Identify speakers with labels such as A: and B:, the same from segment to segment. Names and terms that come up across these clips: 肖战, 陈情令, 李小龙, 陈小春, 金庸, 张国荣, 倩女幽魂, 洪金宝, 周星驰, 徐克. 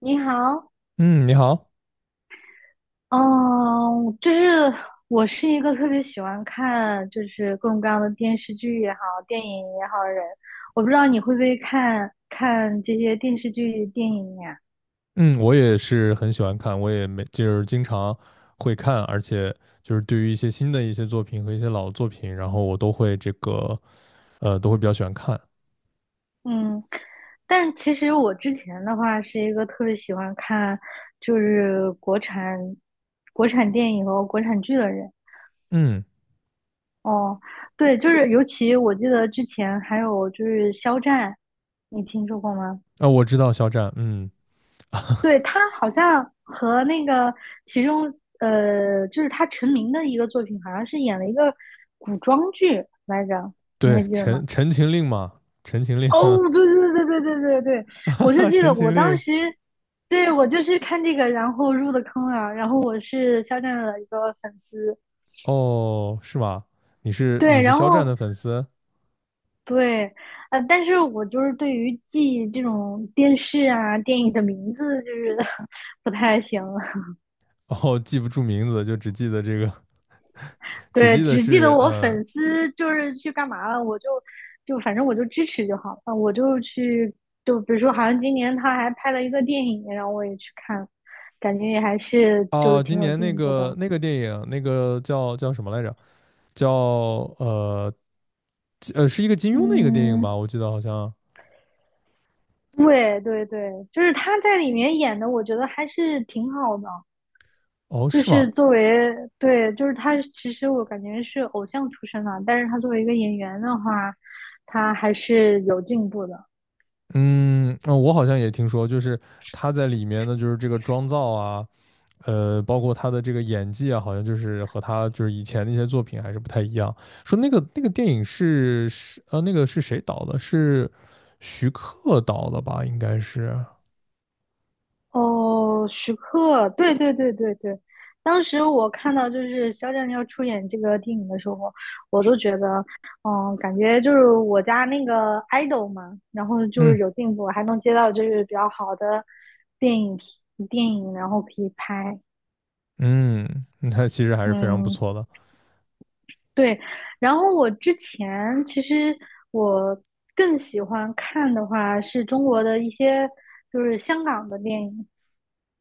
A: 你好。
B: 嗯，你好。
A: 嗯，就是我是一个特别喜欢看各种各样的电视剧也好，电影也好的人。我不知道你会不会看这些电视剧、电影呀？
B: 嗯，我也是很喜欢看，我也没就是经常会看，而且就是对于一些新的一些作品和一些老作品，然后我都会都会比较喜欢看。
A: 嗯，但其实我之前的话是一个特别喜欢看就是国产国产电影和国产剧的人。
B: 嗯，
A: 哦，对，尤其我记得之前还有肖战，你听说过吗？
B: 啊，我知道肖战。嗯，
A: 对，他好像和那个其中他成名的一个作品，好像是演了一个古装剧来着，你还
B: 对，
A: 记得吗？
B: 《陈情令》嘛，《陈情令》，
A: 哦，对对对对对对对，
B: 哈
A: 我就
B: 哈，
A: 记得
B: 《陈
A: 我
B: 情令》。
A: 当时，对我就是看这个，然后入的坑啊。然后我是肖战的一个粉丝。
B: 哦，是吗？你是你
A: 对，
B: 是
A: 然
B: 肖战
A: 后
B: 的粉丝？
A: 对。但是我就是对于记这种电视啊、电影的名字就是 不太行。
B: 哦，记不住名字，就只记得这个，只
A: 对，
B: 记得
A: 只记得
B: 是
A: 我
B: 嗯。
A: 粉丝就是去干嘛了，就反正我就支持就好了，我就去就比如说，好像今年他还拍了一个电影，然后我也去看，感觉也还是
B: 哦，今
A: 挺有
B: 年那
A: 进步
B: 个
A: 的。
B: 那个电影，那个叫什么来着？叫呃是一个金庸的一个电影
A: 嗯，
B: 吧，我记得好像。
A: 对对对，他在里面演的，我觉得还是挺好的。
B: 哦，
A: 就
B: 是
A: 是
B: 吗？
A: 作为对，他其实我感觉是偶像出身的，但是他作为一个演员的话，他还是有进步的。
B: 嗯，我好像也听说，就是他在里面呢，就是这个妆造啊，包括他的这个演技啊，好像就是和他就是以前那些作品还是不太一样。说那个电影那个是谁导的？是徐克导的吧？应该是。
A: 哦，徐克，对对对对对。当时我看到肖战要出演这个电影的时候，我都觉得，嗯，感觉就是我家那个 idol 嘛，然后就
B: 嗯
A: 是有进步，还能接到比较好的电影批电影，然后可以拍。
B: 嗯，他其实还是非常不
A: 嗯，
B: 错的。
A: 对。然后我之前其实我更喜欢看的话是中国的一些香港的电影。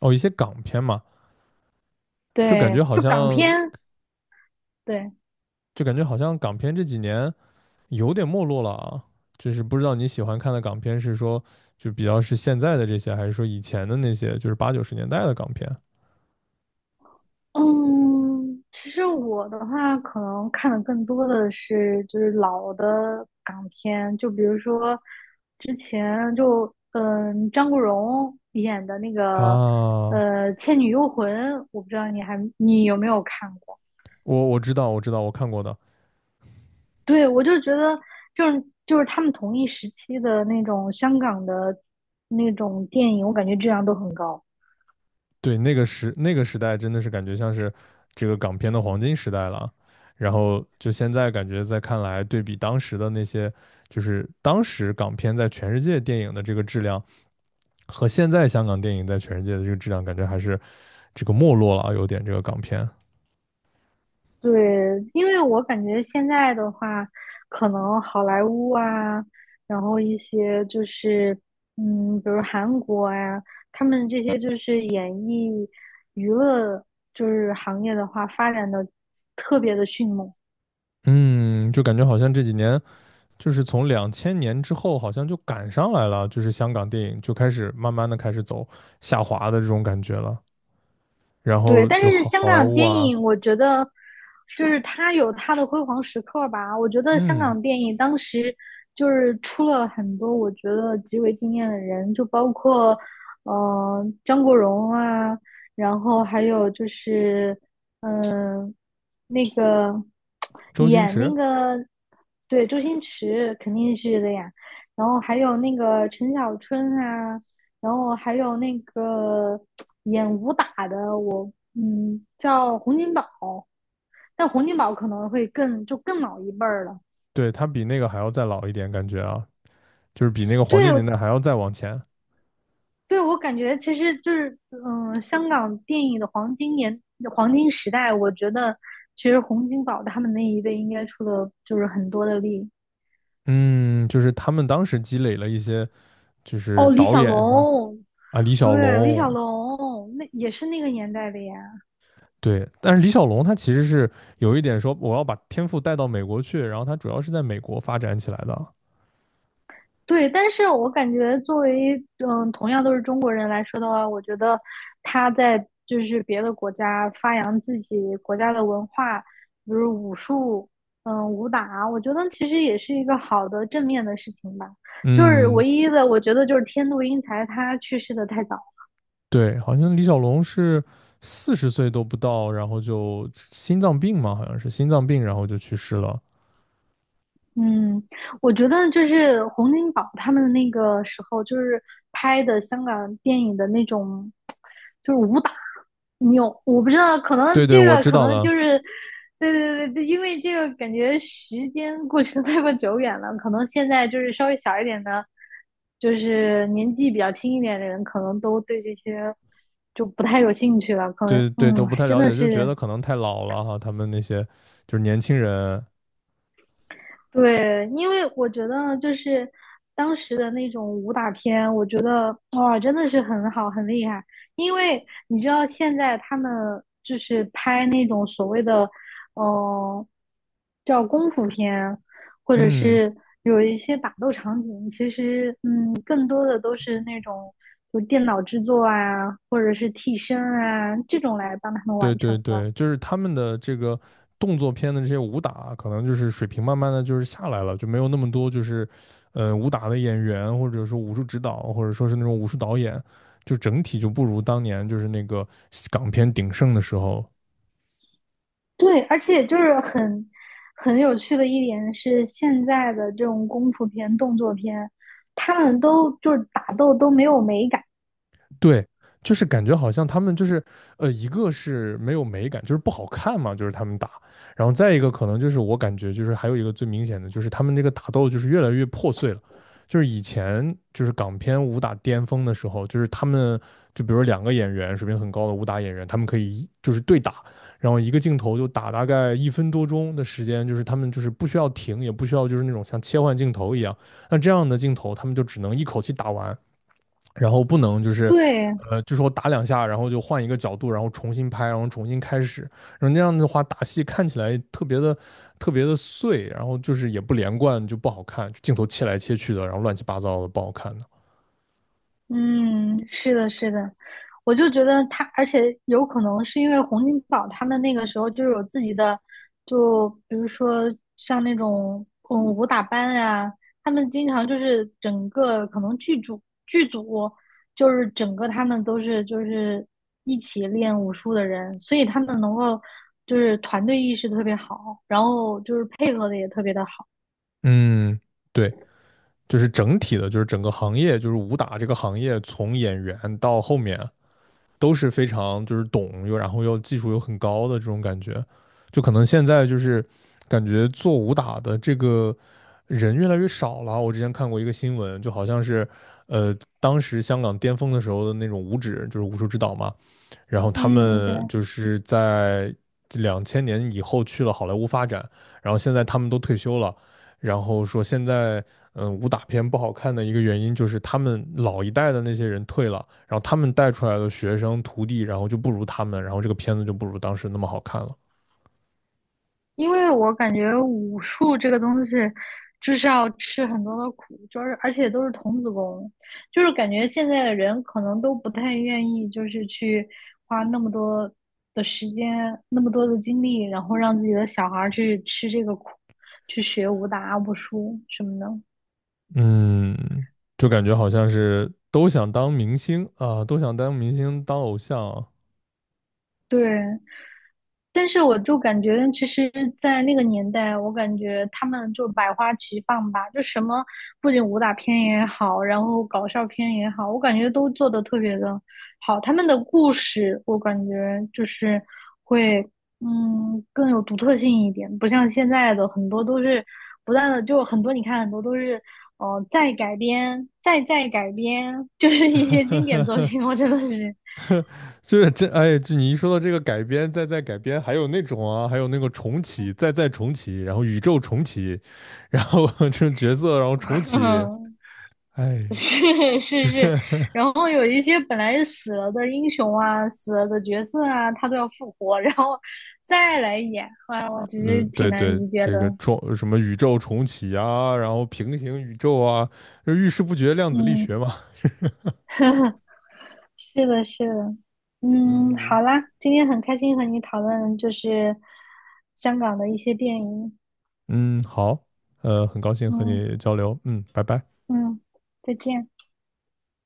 B: 哦，一些港片嘛，就感觉
A: 对，
B: 好
A: 就港
B: 像，
A: 片。对。
B: 就感觉好像港片这几年，有点没落了啊。就是不知道你喜欢看的港片是说就比较是现在的这些，还是说以前的那些，就是八九十年代的港片
A: 嗯，其实我的话，可能看的更多的是老的港片，就比如说之前就张国荣演的那个
B: 啊？
A: 《倩女幽魂》。我不知道你有没有看过？
B: 我知道，我知道，我看过的。
A: 对，我就觉得他们同一时期的那种香港的那种电影，我感觉质量都很高。
B: 对，那个时代真的是感觉像是这个港片的黄金时代了。然后就现在感觉在看来，对比当时的那些，就是当时港片在全世界电影的这个质量，和现在香港电影在全世界的这个质量，感觉还是这个没落了啊，有点这个港片。
A: 对，因为我感觉现在的话，可能好莱坞啊，然后一些比如韩国呀、他们这些演艺娱乐行业的话，发展的特别的迅猛。
B: 嗯，就感觉好像这几年就是从两千年之后，好像就赶上来了，就是香港电影就开始慢慢的开始走下滑的这种感觉了。然
A: 对，
B: 后
A: 但
B: 就
A: 是
B: 好
A: 香
B: 好莱
A: 港
B: 坞
A: 电
B: 啊。
A: 影，我觉得就是它有它的辉煌时刻吧。我觉得香
B: 嗯，
A: 港电影当时出了很多我觉得极为惊艳的人，就包括张国荣啊，然后还有就是嗯、呃那个
B: 周星
A: 演
B: 驰。
A: 那个对周星驰肯定是的呀，然后还有那个陈小春啊，然后还有那个演武打的，我叫洪金宝，但洪金宝可能会更老一辈儿了。
B: 对，他比那个还要再老一点，感觉啊，就是比那个黄
A: 对，
B: 金年代还要再往前。
A: 对我感觉其实香港电影的黄金时代，我觉得其实洪金宝他们那一辈应该出了很多的力。
B: 嗯，就是他们当时积累了一些，就是
A: 哦，李
B: 导
A: 小
B: 演上。
A: 龙，
B: 啊，李小
A: 对，李
B: 龙。
A: 小龙那也是那个年代的呀。
B: 对，但是李小龙他其实是有一点说我要把天赋带到美国去，然后他主要是在美国发展起来的。
A: 对，但是我感觉作为同样都是中国人来说的话，我觉得他在别的国家发扬自己国家的文化，比如武术，嗯，武打，我觉得其实也是一个好的正面的事情吧。就是
B: 嗯，
A: 唯一的，我觉得就是天妒英才，他去世的太早。
B: 对，好像李小龙是40岁都不到，然后就心脏病嘛，好像是心脏病，然后就去世了。
A: 嗯，我觉得洪金宝他们那个时候拍的香港电影的那种武打。你有我不知道，可能
B: 对对，我知
A: 可
B: 道
A: 能，
B: 的。
A: 对对对对，因为这个感觉时间过去的 太过久远了，可能现在稍微小一点的，年纪比较轻一点的人，可能都对这些就不太有兴趣了。可能
B: 对对，都不太
A: 真
B: 了
A: 的
B: 解，就觉
A: 是
B: 得可能太老了哈，他们那些就是年轻人。
A: 对。因为我觉得当时的那种武打片，我觉得哇，真的是很好，很厉害。因为你知道现在他们拍那种所谓的，呃，叫功夫片，或者
B: 嗯，
A: 是有一些打斗场景，其实更多的都是那种就电脑制作啊，或者是替身啊这种来帮他们
B: 对
A: 完
B: 对
A: 成的。
B: 对，就是他们的这个动作片的这些武打，可能就是水平慢慢的就是下来了，就没有那么多就是武打的演员，或者说武术指导，或者说是那种武术导演，就整体就不如当年就是那个港片鼎盛的时候。
A: 对，而且很有趣的一点是，现在的这种功夫片、动作片，他们都打斗都没有美感。
B: 对，就是感觉好像他们就是，一个是没有美感，就是不好看嘛，就是他们打，然后再一个可能就是我感觉就是还有一个最明显的就是他们这个打斗就是越来越破碎了，就是以前就是港片武打巅峰的时候，就是他们就比如两个演员水平很高的武打演员，他们可以一就是对打，然后一个镜头就打大概1分多钟的时间，就是他们就是不需要停，也不需要就是那种像切换镜头一样，那这样的镜头他们就只能一口气打完。然后不能就是
A: 对，
B: 就是我打两下，然后就换一个角度，然后重新拍，然后重新开始，然后那样的话打戏看起来特别的特别的碎，然后就是也不连贯，就不好看，镜头切来切去的，然后乱七八糟的不好看的。
A: 嗯，是的，是的。我就觉得他，而且有可能是因为洪金宝他们那个时候有自己的，就比如说像那种武打班呀、他们经常就是整个可能剧组整个他们都是一起练武术的人，所以他们能够团队意识特别好，然后就是配合的也特别的好。
B: 嗯，对，就是整体的，就是整个行业，就是武打这个行业，从演员到后面都是非常就是懂又然后又技术又很高的这种感觉，就可能现在就是感觉做武打的这个人越来越少了。我之前看过一个新闻，就好像是呃当时香港巅峰的时候的那种武指，就是武术指导嘛，然后他
A: 嗯，对。
B: 们就是在两千年以后去了好莱坞发展，然后现在他们都退休了。然后说现在武打片不好看的一个原因就是他们老一代的那些人退了，然后他们带出来的学生徒弟，然后就不如他们，然后这个片子就不如当时那么好看了。
A: 因为我感觉武术这个东西，就是要吃很多的苦，而且都是童子功，就是感觉现在的人可能都不太愿意，就是去花那么多的时间、那么多的精力，然后让自己的小孩儿去吃这个苦，去学武打、武术什么的。
B: 嗯，就感觉好像是都想当明星啊，都想当明星当偶像啊。
A: 对，但是我就感觉，其实，在那个年代，我感觉他们就百花齐放吧，就什么不仅武打片也好，然后搞笑片也好，我感觉都做的特别的好。他们的故事，我感觉就是会，嗯，更有独特性一点，不像现在的很多都是不断的，就很多你看很多都是哦，再改编，再改编，就是一些经典作 品，我真的是，
B: 就是这哎，就你一说到这个改编，再再改编，还有那种啊，还有那个重启，再再重启，然后宇宙重启，然后这种角色，然后重启，哎呀。
A: 是是是。然后有一些本来死了的英雄啊、死了的角色啊，他都要复活，然后再来演，啊，我其实
B: 嗯，
A: 挺
B: 对
A: 难
B: 对，
A: 理解
B: 这个
A: 的。
B: 重什么宇宙重启啊，然后平行宇宙啊，就遇事不决，量子力学
A: 嗯，
B: 嘛。
A: 是的，是的。嗯，
B: 嗯
A: 好啦，今天很开心和你讨论香港的一些电影。
B: 嗯，好，很高兴和
A: 嗯
B: 你交流，嗯，拜拜。
A: 嗯，再见。